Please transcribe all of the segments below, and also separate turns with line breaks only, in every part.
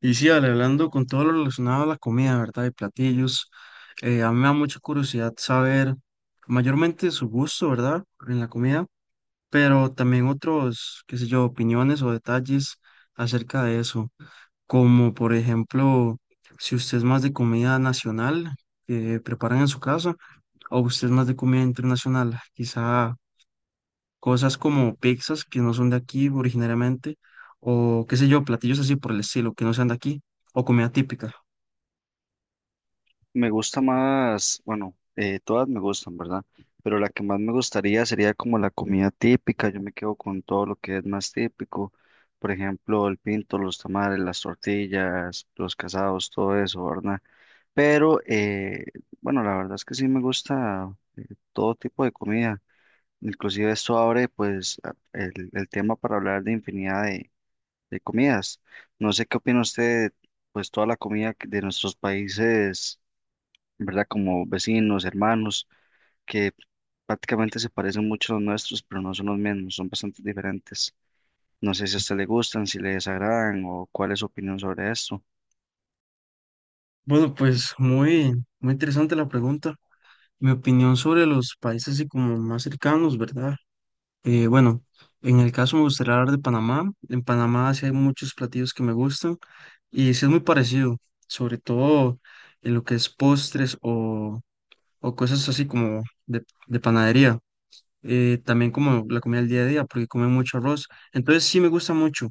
Y sí, Ale, hablando con todo lo relacionado a la comida, ¿verdad? Y platillos, a mí me da mucha curiosidad saber mayormente su gusto, ¿verdad? En la comida, pero también otros, qué sé yo, opiniones o detalles acerca de eso, como por ejemplo, si usted es más de comida nacional que preparan en su casa, o usted es más de comida internacional, quizá cosas como pizzas que no son de aquí originariamente, o qué sé yo, platillos así por el estilo, que no sean de aquí, o comida típica.
Me gusta más, bueno, todas me gustan, ¿verdad? Pero la que más me gustaría sería como la comida típica. Yo me quedo con todo lo que es más típico. Por ejemplo, el pinto, los tamales, las tortillas, los casados, todo eso, ¿verdad? Pero bueno, la verdad es que sí me gusta todo tipo de comida. Inclusive esto abre pues el tema para hablar de infinidad de comidas. No sé qué opina usted, pues toda la comida de nuestros países, ¿verdad? Como vecinos, hermanos, que prácticamente se parecen mucho a los nuestros, pero no son los mismos, son bastante diferentes. No sé si a usted le gustan, si le desagradan o cuál es su opinión sobre esto.
Bueno, pues muy interesante la pregunta. Mi opinión sobre los países así como más cercanos, ¿verdad? Bueno, en el caso me gustaría hablar de Panamá. En Panamá sí hay muchos platillos que me gustan y sí es muy parecido, sobre todo en lo que es postres o cosas así como de panadería, también como la comida del día a día, porque come mucho arroz. Entonces sí me gusta mucho.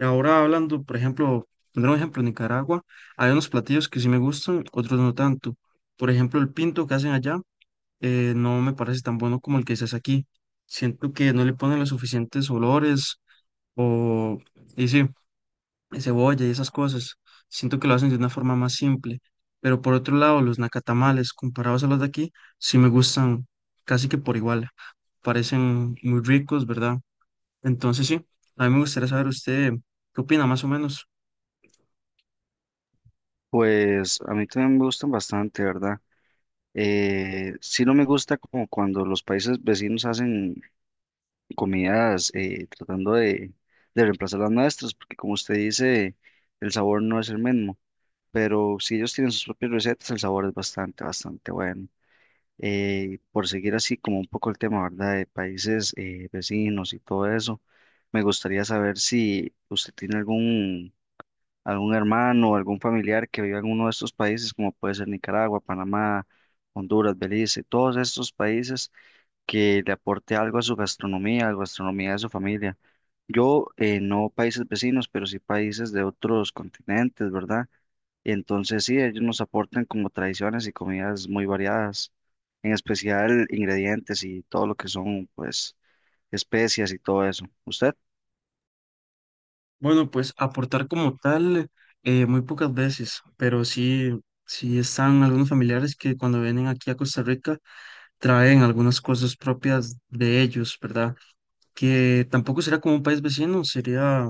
Ahora hablando, por ejemplo, pondré un ejemplo, en Nicaragua, hay unos platillos que sí me gustan, otros no tanto. Por ejemplo, el pinto que hacen allá no me parece tan bueno como el que se hace aquí. Siento que no le ponen los suficientes olores o... Y sí cebolla y esas cosas. Siento que lo hacen de una forma más simple. Pero por otro lado, los nacatamales, comparados a los de aquí, sí me gustan casi que por igual. Parecen muy ricos, ¿verdad? Entonces sí, a mí me gustaría saber usted qué opina más o menos.
Pues a mí también me gustan bastante, ¿verdad? Sí, no me gusta como cuando los países vecinos hacen comidas tratando de reemplazar las nuestras, porque como usted dice, el sabor no es el mismo, pero si ellos tienen sus propias recetas, el sabor es bastante bueno. Por seguir así como un poco el tema, ¿verdad? De países vecinos y todo eso, me gustaría saber si usted tiene algún hermano o algún familiar que viva en uno de estos países, como puede ser Nicaragua, Panamá, Honduras, Belice, todos estos países que le aporte algo a su gastronomía, a la gastronomía de su familia. Yo, no países vecinos, pero sí países de otros continentes, ¿verdad? Entonces sí, ellos nos aportan como tradiciones y comidas muy variadas, en especial ingredientes y todo lo que son pues especias y todo eso. ¿Usted?
Bueno, pues aportar como tal, muy pocas veces, pero sí, sí están algunos familiares que cuando vienen aquí a Costa Rica traen algunas cosas propias de ellos, ¿verdad? Que tampoco será como un país vecino, sería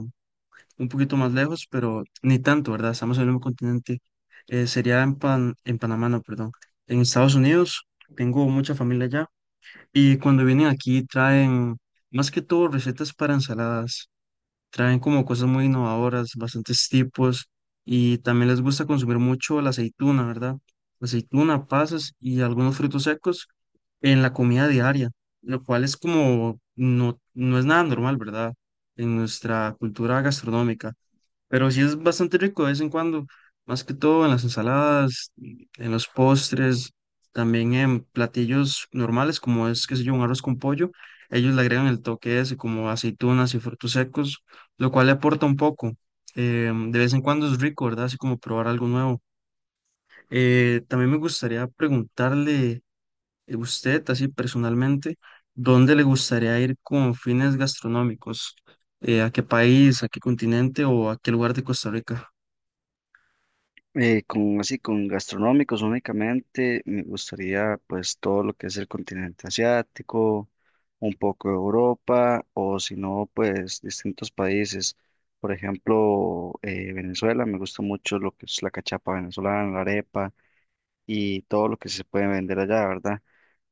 un poquito más lejos, pero ni tanto, ¿verdad? Estamos en el mismo continente. Sería en, en Panamá, no, perdón. En Estados Unidos, tengo mucha familia allá. Y cuando vienen aquí traen, más que todo, recetas para ensaladas. Traen como cosas muy innovadoras, bastantes tipos. Y también les gusta consumir mucho la aceituna, ¿verdad? Aceituna, pasas y algunos frutos secos en la comida diaria, lo cual es como, no, no es nada normal, ¿verdad? En nuestra cultura gastronómica. Pero sí es bastante rico de vez en cuando, más que todo en las ensaladas, en los postres, también en platillos normales, como es, qué sé yo, un arroz con pollo. Ellos le agregan el toque ese, como aceitunas y frutos secos, lo cual le aporta un poco. De vez en cuando es rico, ¿verdad? Así como probar algo nuevo. También me gustaría preguntarle a usted, así personalmente, ¿dónde le gustaría ir con fines gastronómicos? ¿A qué país, a qué continente o a qué lugar de Costa Rica?
Con así, con gastronómicos únicamente, me gustaría pues todo lo que es el continente asiático, un poco de Europa o si no pues distintos países. Por ejemplo, Venezuela, me gusta mucho lo que es la cachapa venezolana, la arepa y todo lo que se puede vender allá, ¿verdad?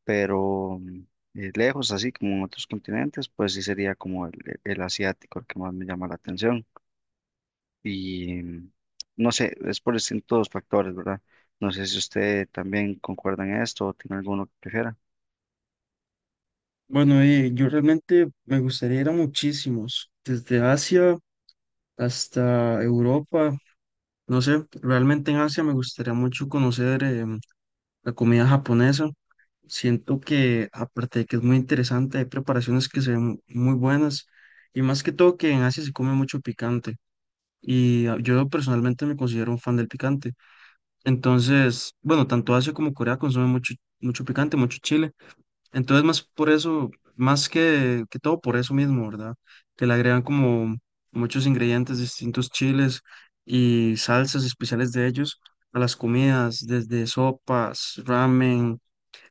Pero lejos, así como en otros continentes, pues sí sería como el asiático el que más me llama la atención. Y no sé, es por distintos factores, ¿verdad? No sé si usted también concuerda en esto o tiene alguno que prefiera.
Bueno, yo realmente me gustaría ir a muchísimos, desde Asia hasta Europa, no sé, realmente en Asia me gustaría mucho conocer la comida japonesa. Siento que aparte de que es muy interesante, hay preparaciones que se ven muy buenas y más que todo que en Asia se come mucho picante y yo personalmente me considero un fan del picante. Entonces, bueno, tanto Asia como Corea consumen mucho picante, mucho chile. Entonces, más por eso, más que todo por eso mismo, ¿verdad? Que le agregan como muchos ingredientes, distintos chiles y salsas especiales de ellos a las comidas, desde sopas, ramen,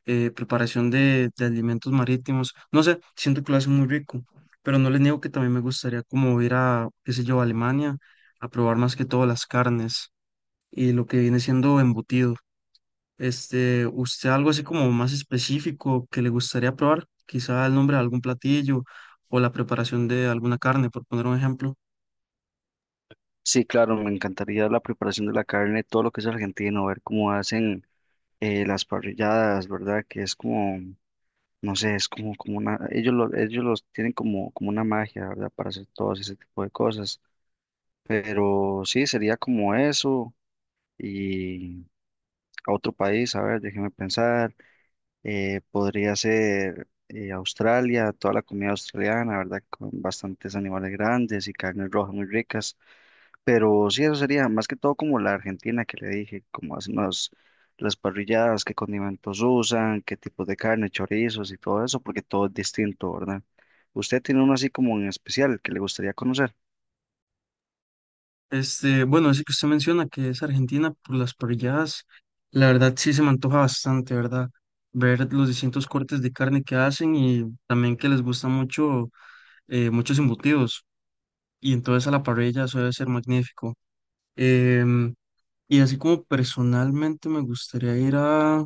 preparación de alimentos marítimos. No sé, siento que lo hacen muy rico, pero no les niego que también me gustaría como ir a, qué sé yo, a Alemania a probar más que todo las carnes y lo que viene siendo embutidos. Este, ¿usted algo así como más específico que le gustaría probar? Quizá el nombre de algún platillo o la preparación de alguna carne, por poner un ejemplo.
Sí, claro, me encantaría la preparación de la carne, todo lo que es argentino, ver cómo hacen las parrilladas, ¿verdad? Que es como, no sé, es como, como una, ellos, ellos los tienen como, como una magia, ¿verdad? Para hacer todo ese tipo de cosas. Pero sí, sería como eso. Y a otro país, a ver, déjeme pensar, podría ser Australia, toda la comida australiana, ¿verdad? Con bastantes animales grandes y carnes rojas muy ricas, pero sí, eso sería más que todo como la Argentina que le dije, como hacen las parrilladas, qué condimentos usan, qué tipos de carne, chorizos y todo eso, porque todo es distinto, ¿verdad? ¿Usted tiene uno así como en especial que le gustaría conocer?
Este, bueno, ese que usted menciona que es Argentina por las parrilladas, la verdad sí se me antoja bastante, ¿verdad? Ver los distintos cortes de carne que hacen y también que les gusta mucho, muchos embutidos y entonces a la parrilla eso debe ser magnífico. Em, y así como personalmente me gustaría ir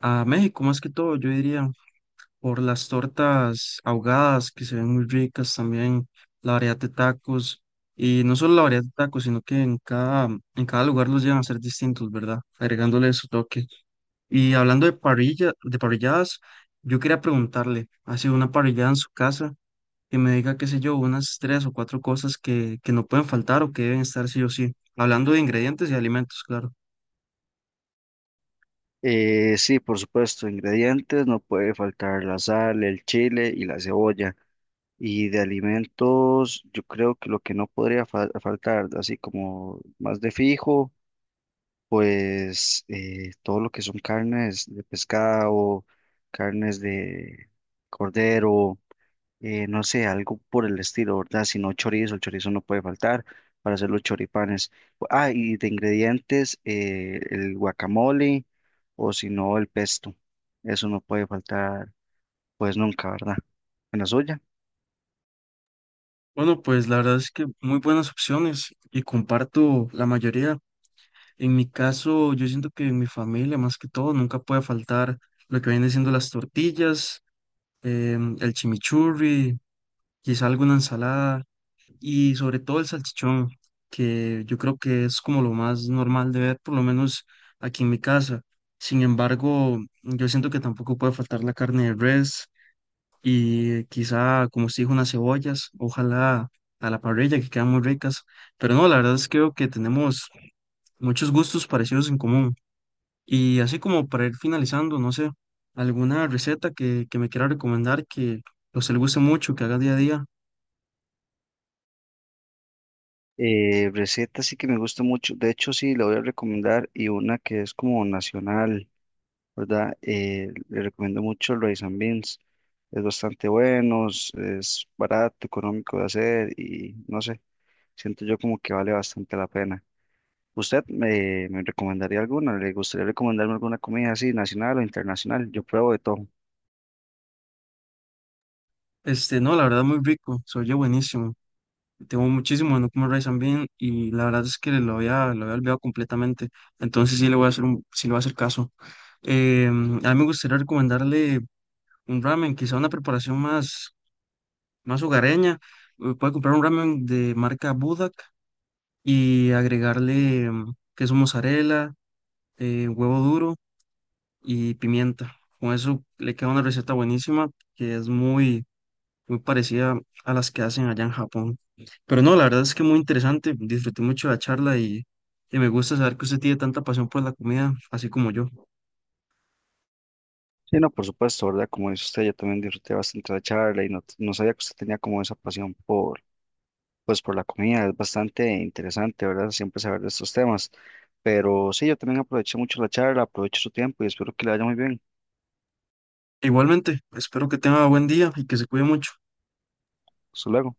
a México más que todo, yo diría, por las tortas ahogadas que se ven muy ricas también, la variedad de tacos y no solo la variedad de tacos, sino que en cada lugar los llevan a ser distintos, ¿verdad? Agregándole su toque. Y hablando de parrilla, de parrilladas, yo quería preguntarle, ¿ha sido una parrillada en su casa? Que me diga, qué sé yo, unas tres o cuatro cosas que no pueden faltar o que deben estar sí o sí. Hablando de ingredientes y alimentos, claro.
Sí, por supuesto, ingredientes, no puede faltar la sal, el chile y la cebolla. Y de alimentos, yo creo que lo que no podría faltar, así como más de fijo, pues todo lo que son carnes de pescado, carnes de cordero, no sé, algo por el estilo, ¿verdad? Si no chorizo, el chorizo no puede faltar para hacer los choripanes. Ah, y de ingredientes, el guacamole o si no, el pesto. Eso no puede faltar, pues nunca, ¿verdad? En la suya.
Bueno, pues la verdad es que muy buenas opciones y comparto la mayoría. En mi caso, yo siento que en mi familia, más que todo, nunca puede faltar lo que vienen siendo las tortillas, el chimichurri, quizá alguna ensalada y sobre todo el salchichón, que yo creo que es como lo más normal de ver, por lo menos aquí en mi casa. Sin embargo, yo siento que tampoco puede faltar la carne de res y quizá, como se dijo, unas cebollas, ojalá a la parrilla, que quedan muy ricas. Pero no, la verdad es que creo que tenemos muchos gustos parecidos en común. Y así como para ir finalizando, no sé, alguna receta que me quiera recomendar que o se le guste mucho, que haga día a día.
Receta sí que me gusta mucho, de hecho sí, la voy a recomendar y una que es como nacional, ¿verdad? Le recomiendo mucho el rice and beans, es bastante bueno, es barato, económico de hacer y no sé, siento yo como que vale bastante la pena. ¿Usted me recomendaría alguna? ¿Le gustaría recomendarme alguna comida así, nacional o internacional? Yo pruebo de todo.
Este, no, la verdad muy rico, se oye buenísimo. Tengo muchísimo de no comer rice and bean y la verdad es que lo había olvidado completamente. Entonces sí le voy a hacer un, sí le voy a hacer caso. A mí me gustaría recomendarle un ramen, quizá una preparación más, más hogareña. Puede comprar un ramen de marca Budak y agregarle queso mozzarella, huevo duro y pimienta. Con eso le queda una receta buenísima que es muy parecida a las que hacen allá en Japón. Pero no, la verdad es que muy interesante. Disfruté mucho la charla y me gusta saber que usted tiene tanta pasión por la comida, así como yo.
Sí, no, por supuesto, ¿verdad? Como dice usted, yo también disfruté bastante la charla y no, no sabía que usted tenía como esa pasión por pues por la comida. Es bastante interesante, ¿verdad? Siempre saber de estos temas. Pero sí, yo también aproveché mucho la charla, aprovecho su tiempo y espero que le vaya muy bien.
Igualmente, espero que tenga buen día y que se cuide mucho.
Hasta luego.